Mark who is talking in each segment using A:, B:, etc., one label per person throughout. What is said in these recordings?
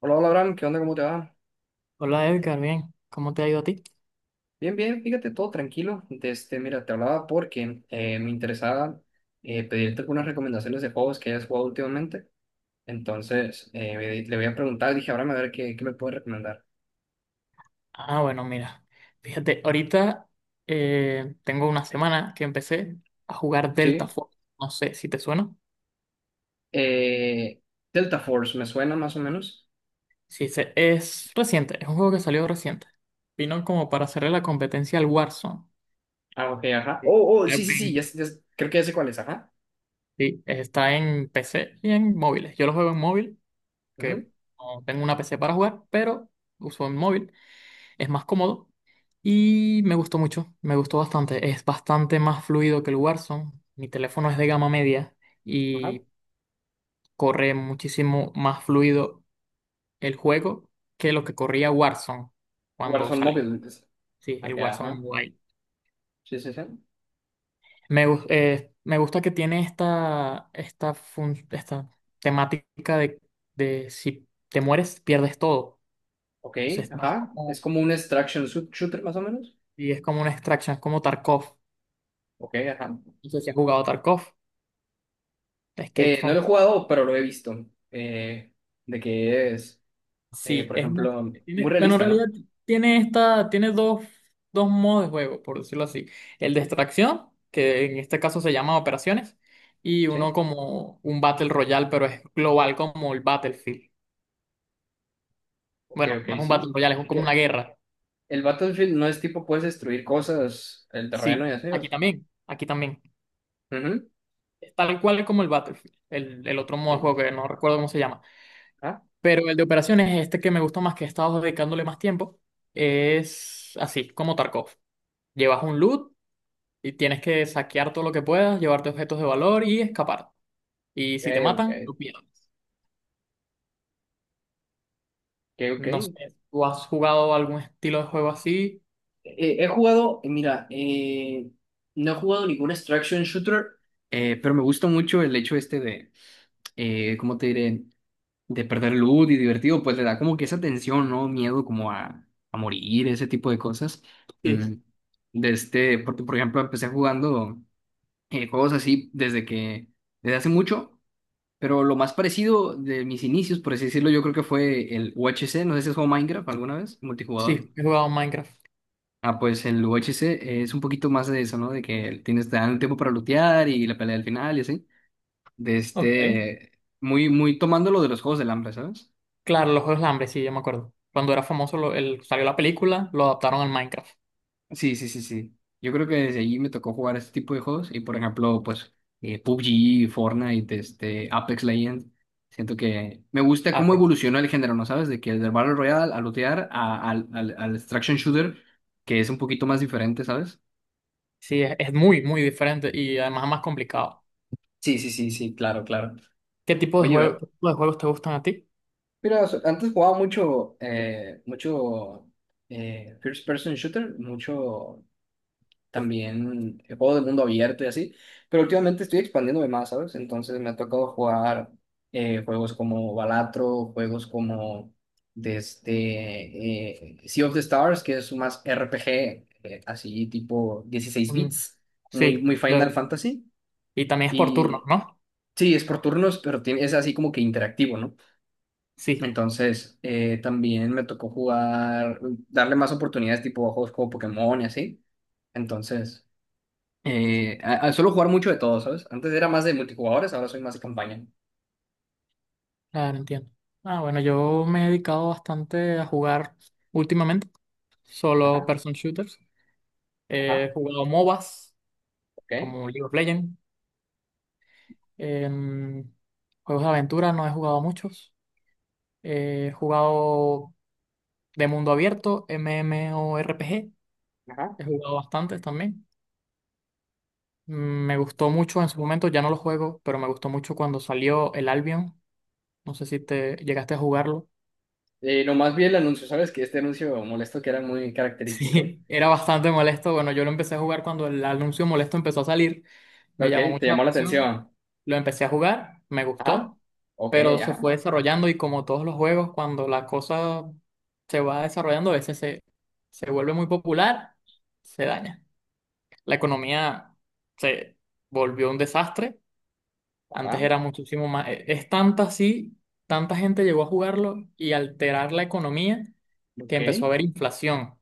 A: Hola, hola, Abraham, ¿qué onda? ¿Cómo te va?
B: Hola Edgar, bien, ¿cómo te ha ido a ti?
A: Bien, bien, fíjate, todo tranquilo. Mira, te hablaba porque me interesaba pedirte algunas recomendaciones de juegos que hayas jugado últimamente. Entonces, le voy a preguntar, dije, Abraham, a ver qué me puede recomendar.
B: Ah, bueno, mira, fíjate, ahorita tengo una semana que empecé a jugar Delta
A: Sí.
B: Force. No sé si te suena.
A: Eh, Delta Force, ¿me suena más o menos?
B: Sí, es reciente, es un juego que salió reciente. Vino como para hacerle la competencia al Warzone.
A: Ah, ok, ajá.
B: Sí.
A: Oh, oh,
B: Eh,
A: sí, sí, sí,
B: en-
A: ya, creo que ya sé cuál es, ajá.
B: sí, está en PC y en móviles. Yo lo juego en móvil,
A: Ujú,
B: que no tengo una PC para jugar, pero uso en móvil. Es más cómodo. Y me gustó mucho, me gustó bastante. Es bastante más fluido que el Warzone. Mi teléfono es de gama media
A: ajá.
B: y corre muchísimo más fluido el juego que lo que corría Warzone cuando
A: Warzone
B: salí.
A: Mobile, entonces.
B: Sí, el
A: Ok,
B: Warzone
A: ajá.
B: Mobile.
A: Sí, sí, sí.
B: Me gusta que tiene esta temática de si te mueres, pierdes todo.
A: Ok,
B: Entonces vas
A: ajá. Es
B: como,
A: como un extraction shooter, más o menos.
B: y es como una extraction, es como Tarkov.
A: Ok, ajá.
B: No sé si has jugado Tarkov, Escape
A: No
B: from.
A: lo he jugado, pero lo he visto. eh, de que es,
B: Sí,
A: por
B: es una-
A: ejemplo,
B: tiene,
A: muy
B: bueno, en
A: realista,
B: realidad
A: ¿no?
B: tiene esta, tiene dos modos de juego, por decirlo así. El de extracción, que en este caso se llama operaciones, y uno
A: Sí.
B: como un Battle Royale, pero es global como el Battlefield.
A: Ok,
B: Bueno,
A: ok,
B: no es un Battle
A: sí.
B: Royale, es como
A: Que
B: una guerra.
A: el Battlefield no es tipo, puedes destruir cosas, el terreno
B: Sí,
A: y así. O
B: aquí
A: sea.
B: también, aquí también.
A: Ujú,
B: Es tal cual como el Battlefield, el otro modo de
A: ok.
B: juego que no recuerdo cómo se llama.
A: Ah,
B: Pero el de operaciones, este que me gusta más, que he estado dedicándole más tiempo, es así, como Tarkov. Llevas un loot. Y tienes que saquear todo lo que puedas, llevarte objetos de valor y escapar. Y
A: ok,
B: si te matan,
A: ok.
B: tú pierdes.
A: Ok, ok.
B: No sé, ¿tú has jugado algún estilo de juego así?
A: He jugado, mira, no he jugado ningún extraction shooter, pero me gusta mucho el hecho este de, ¿cómo te diré? De perder el luz y divertido, pues le da como que esa tensión, ¿no? Miedo como a morir, ese tipo de cosas. Mm,
B: Sí.
A: De este, porque por ejemplo empecé jugando juegos así desde que, desde hace mucho, pero lo más parecido de mis inicios, por así decirlo, yo creo que fue el UHC, no sé si has jugado Minecraft alguna vez, multijugador.
B: Sí, he jugado Minecraft.
A: Ah, pues el UHC es un poquito más de eso, ¿no? De que tienes, te dan el tiempo para lootear y la pelea al final y así. De
B: Ok.
A: este, muy, muy tomando lo de los juegos del hambre, ¿sabes?
B: Claro, los Juegos de Hambre, sí, yo me acuerdo. Cuando era famoso, salió la película, lo adaptaron al Minecraft.
A: Sí, sí, sí, sí. Yo creo que desde allí me tocó jugar este tipo de juegos y por ejemplo, pues PUBG, Fortnite, este, Apex Legends. Siento que me gusta
B: Ah,
A: cómo
B: te-
A: evolucionó el género, ¿no sabes? De que del Battle Royale al lootear al extraction shooter, que es un poquito más diferente, ¿sabes?
B: Sí, es muy, muy diferente y además es más complicado.
A: Sí, sí, sí, sí, claro, claro.
B: ¿Qué tipo de
A: Oye,
B: juego, qué tipo de juegos te gustan a ti?
A: mira, antes jugaba mucho, mucho first person shooter, mucho también juegos de mundo abierto y así, pero últimamente estoy expandiéndome más, ¿sabes? Entonces me ha tocado jugar juegos como Balatro, juegos como desde Sea of the Stars, que es más RPG, así tipo dieciséis
B: Mm,
A: bits, muy,
B: sí,
A: muy Final
B: lo-
A: Fantasy,
B: y también es por turnos,
A: y
B: ¿no?
A: sí, es por turnos, pero es así como que interactivo, ¿no?
B: Sí.
A: Entonces, también me tocó jugar, darle más oportunidades tipo a juegos como Pokémon y así. Entonces, suelo jugar mucho de todo, ¿sabes? Antes era más de multijugadores, ahora soy más de campaña.
B: Claro, entiendo. Ah, bueno, yo me he dedicado bastante a jugar últimamente, solo
A: Ajá,
B: person shooters. He
A: ajá,
B: jugado MOBAs,
A: ok,
B: como League of Legends. Em, juegos de aventura no he jugado muchos. He jugado de mundo abierto, MMORPG.
A: ajá.
B: He jugado bastantes también. Mm, Me gustó mucho en su momento, ya no lo juego, pero me gustó mucho cuando salió el Albion. No sé si te llegaste a jugarlo.
A: Nomás vi el anuncio, ¿sabes? Que este anuncio molesto que era muy característico.
B: Sí, era bastante molesto. Bueno, yo lo empecé a jugar cuando el anuncio molesto empezó a salir. Me
A: Ok,
B: llamó
A: te
B: mucho la
A: llamó la
B: atención.
A: atención.
B: Lo empecé a jugar, me
A: Ajá,
B: gustó,
A: ok,
B: pero se
A: ajá,
B: fue desarrollando y como todos los juegos, cuando la cosa se va desarrollando, a veces se, se vuelve muy popular, se daña. La economía se volvió un desastre. Antes
A: ajá,
B: era muchísimo más... Es tanta así, tanta gente llegó a jugarlo y alterar la economía que
A: ok.
B: empezó a haber inflación.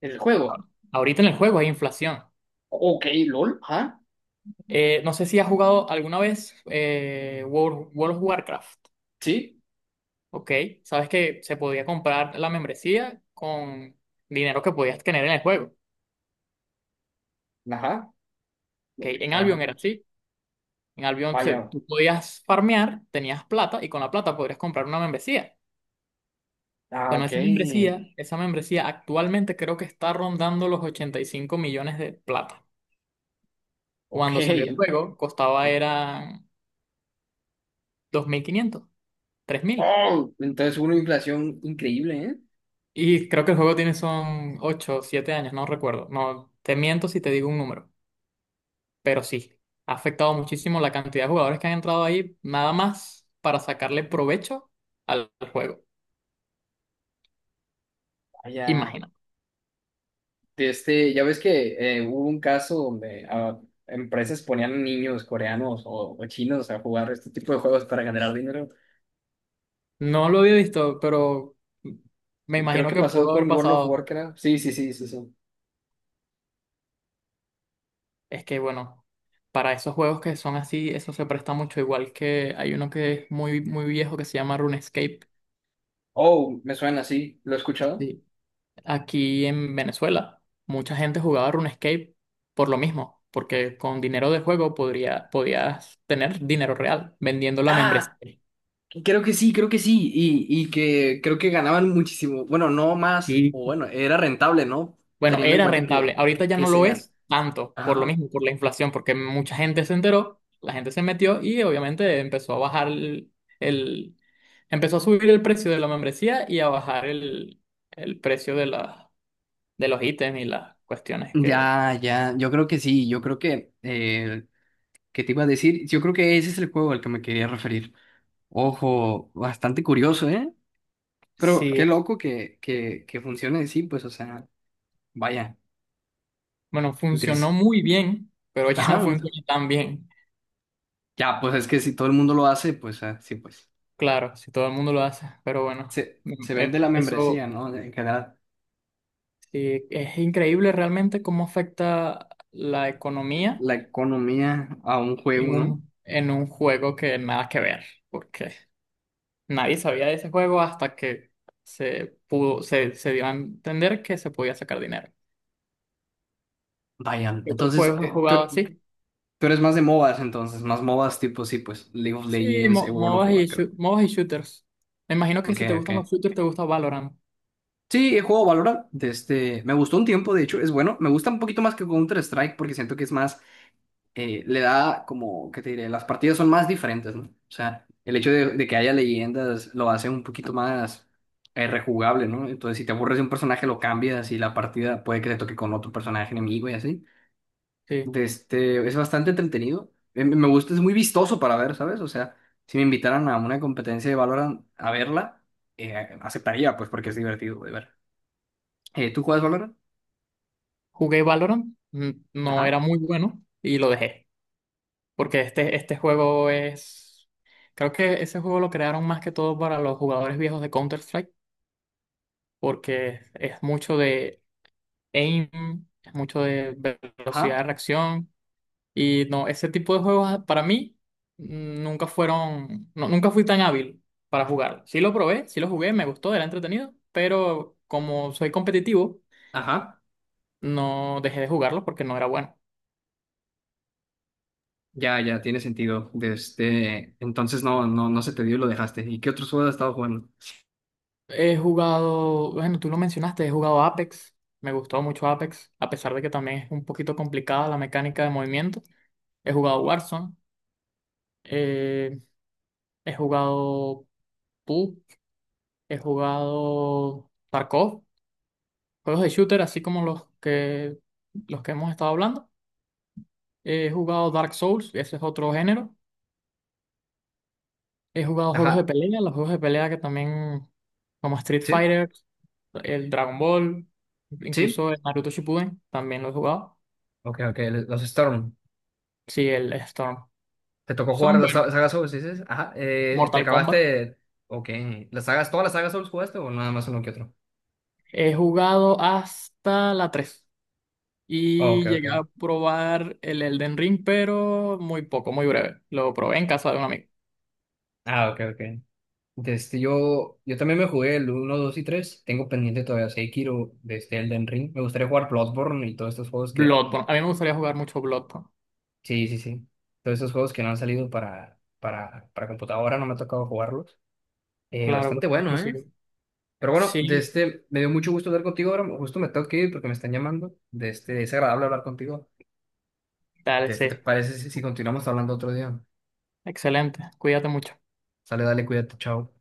A: El juego.
B: Ahorita en el juego hay inflación.
A: Ok, LOL, ajá,
B: No sé si has jugado alguna vez World of Warcraft,
A: sí,
B: ¿ok? Sabes que se podía comprar la membresía con dinero que podías tener en el juego, ¿ok?
A: ajá, ok,
B: En
A: ajá,
B: Albion era así.
A: vaya.
B: Tú podías farmear, tenías plata y con la plata podrías comprar una membresía.
A: Ah,
B: Bueno,
A: ok,
B: esa membresía actualmente creo que está rondando los 85 millones de plata.
A: ok.
B: Cuando salió el juego, costaba eran 2.500, 3.000.
A: Oh, entonces hubo una inflación increíble, ¿eh?
B: Y creo que el juego tiene son 8 o 7 años, no recuerdo. No, te miento si te digo un número, pero sí, ha afectado muchísimo la cantidad de jugadores que han entrado ahí, nada más para sacarle provecho al juego.
A: Vaya.
B: Imagina.
A: De este, ya ves que hubo un caso donde ah, empresas ponían niños coreanos o chinos a jugar este tipo de juegos para ganar dinero.
B: No lo había visto, pero me
A: Creo
B: imagino
A: que
B: que
A: pasó
B: pudo haber
A: con World of
B: pasado.
A: Warcraft. Sí, sí, sí, sí, sí.
B: Es que, bueno, para esos juegos que son así, eso se presta mucho, igual que hay uno que es muy, muy viejo que se llama RuneScape.
A: Oh, me suena, sí. ¿Lo he escuchado?
B: Aquí en Venezuela, mucha gente jugaba RuneScape por lo mismo, porque con dinero de juego podías tener dinero real vendiendo la
A: Ah,
B: membresía.
A: creo que sí, creo que sí. Y que creo que ganaban muchísimo. Bueno, no más, o
B: Sí,
A: bueno, era rentable, ¿no?
B: bueno,
A: Teniendo en
B: era
A: cuenta
B: rentable.
A: que,
B: Ahorita ya
A: que
B: no lo
A: sea.
B: es tanto, por lo
A: Ajá.
B: mismo, por la inflación, porque mucha gente se enteró, la gente se metió y obviamente empezó a bajar el- empezó a subir el precio de la membresía y a bajar el precio de de los ítems y las cuestiones que
A: Ya, ya, yo creo que sí, yo creo que, ¿qué te iba a decir? Yo creo que ese es el juego al que me quería referir. Ojo, bastante curioso, ¿eh? Pero qué
B: sí.
A: loco que funcione así, pues, o sea, vaya,
B: Bueno, funcionó
A: entonces,
B: muy bien, pero ya no
A: ajá,
B: funciona tan bien.
A: ya, pues es que si todo el mundo lo hace, pues ah, sí, pues,
B: Claro, si todo el mundo lo hace, pero bueno,
A: se vende la membresía,
B: eso
A: ¿no? En general,
B: sí, es increíble realmente cómo afecta la economía
A: la economía a un juego,
B: en
A: ¿no?
B: en un juego que nada que ver, porque nadie sabía de ese juego hasta que se dio a entender que se podía sacar dinero.
A: Vaya,
B: ¿Qué otros
A: entonces,
B: juegos has jugado
A: tú,
B: así?
A: tú eres más de MOBAs, entonces, más MOBAs tipo, sí, pues, League of Legends,
B: Sí,
A: World
B: mo- MOBAs
A: of
B: y, shoo-
A: Warcraft,
B: MOBAs y shooters. Me imagino que
A: ok,
B: si te gustan los
A: ok.
B: shooters, te gusta Valorant.
A: Sí, he jugado Valorant, de este, me gustó un tiempo, de hecho, es bueno, me gusta un poquito más que Counter-Strike porque siento que es más le da como, ¿qué te diré? Las partidas son más diferentes, ¿no? O sea, el hecho de que haya leyendas lo hace un poquito más rejugable, ¿no? Entonces, si te aburres de un personaje, lo cambias y la partida puede que te toque con otro personaje enemigo y así.
B: Sí.
A: De este, es bastante entretenido. Me gusta, es muy vistoso para ver, ¿sabes? O sea, si me invitaran a una competencia de Valorant a verla, eh, aceptaría, pues, porque es divertido de ver. ¿Tú juegas Valorant?
B: Jugué Valorant, no era
A: Ajá,
B: muy bueno y lo dejé, porque este juego es, creo que ese juego lo crearon más que todo para los jugadores viejos de Counter-Strike, porque es mucho de aim, es mucho de velocidad de
A: ajá,
B: reacción y no, ese tipo de juegos para mí nunca fueron, no, nunca fui tan hábil para jugar. Sí lo probé, sí lo jugué, me gustó, era entretenido, pero como soy competitivo,
A: ajá.
B: no dejé de jugarlo porque no era bueno.
A: Ya, ya, tiene sentido. Desde entonces no, no, no se te dio y lo dejaste. ¿Y qué otros juegos has estado jugando?
B: He jugado, bueno, tú lo mencionaste, he jugado Apex. Me gustó mucho Apex, a pesar de que también es un poquito complicada la mecánica de movimiento. He jugado Warzone, eh, he jugado PUBG, he jugado Tarkov, juegos de shooter, así como los que hemos estado hablando. He jugado Dark Souls, ese es otro género. He jugado juegos de
A: Ajá,
B: pelea, los juegos de pelea que también, como Street
A: sí,
B: Fighter, el Dragon Ball,
A: sí,
B: incluso el Naruto Shippuden, también lo he jugado.
A: ok, ok, los Storm.
B: Sí, el Storm.
A: ¿Te tocó jugar
B: Son,
A: las
B: bueno,
A: sagas Souls? Dices, ajá, ¿te
B: Mortal Kombat.
A: acabaste? Ok, ¿las sagas, todas las sagas Souls jugaste o nada más uno que otro?
B: He jugado hasta la 3
A: Oh, ok,
B: y
A: ok.
B: llegué a probar el Elden Ring, pero muy poco, muy breve. Lo probé en casa de un amigo.
A: Ah, ok, ok. Yo también me jugué el uno, 2 y 3. Tengo pendiente todavía Sekiro, desde Elden Ring. Me gustaría jugar Bloodborne y todos estos juegos que
B: Bloodborne. A mí me gustaría jugar mucho Bloodborne.
A: sí, sí, sí. Todos esos juegos que no han salido para, para, computadora, no me ha tocado jugarlos.
B: Claro, pues,
A: Bastante bueno, ¿eh?
B: exclusivo.
A: Pero bueno, de
B: Sí,
A: este, me dio mucho gusto hablar contigo ahora. Justo me tengo que ir porque me están llamando. De este, es agradable hablar contigo. De
B: dale,
A: este, ¿te
B: sí.
A: parece si continuamos hablando otro día?
B: Excelente. Cuídate mucho.
A: Sale, dale, cuídate, chao.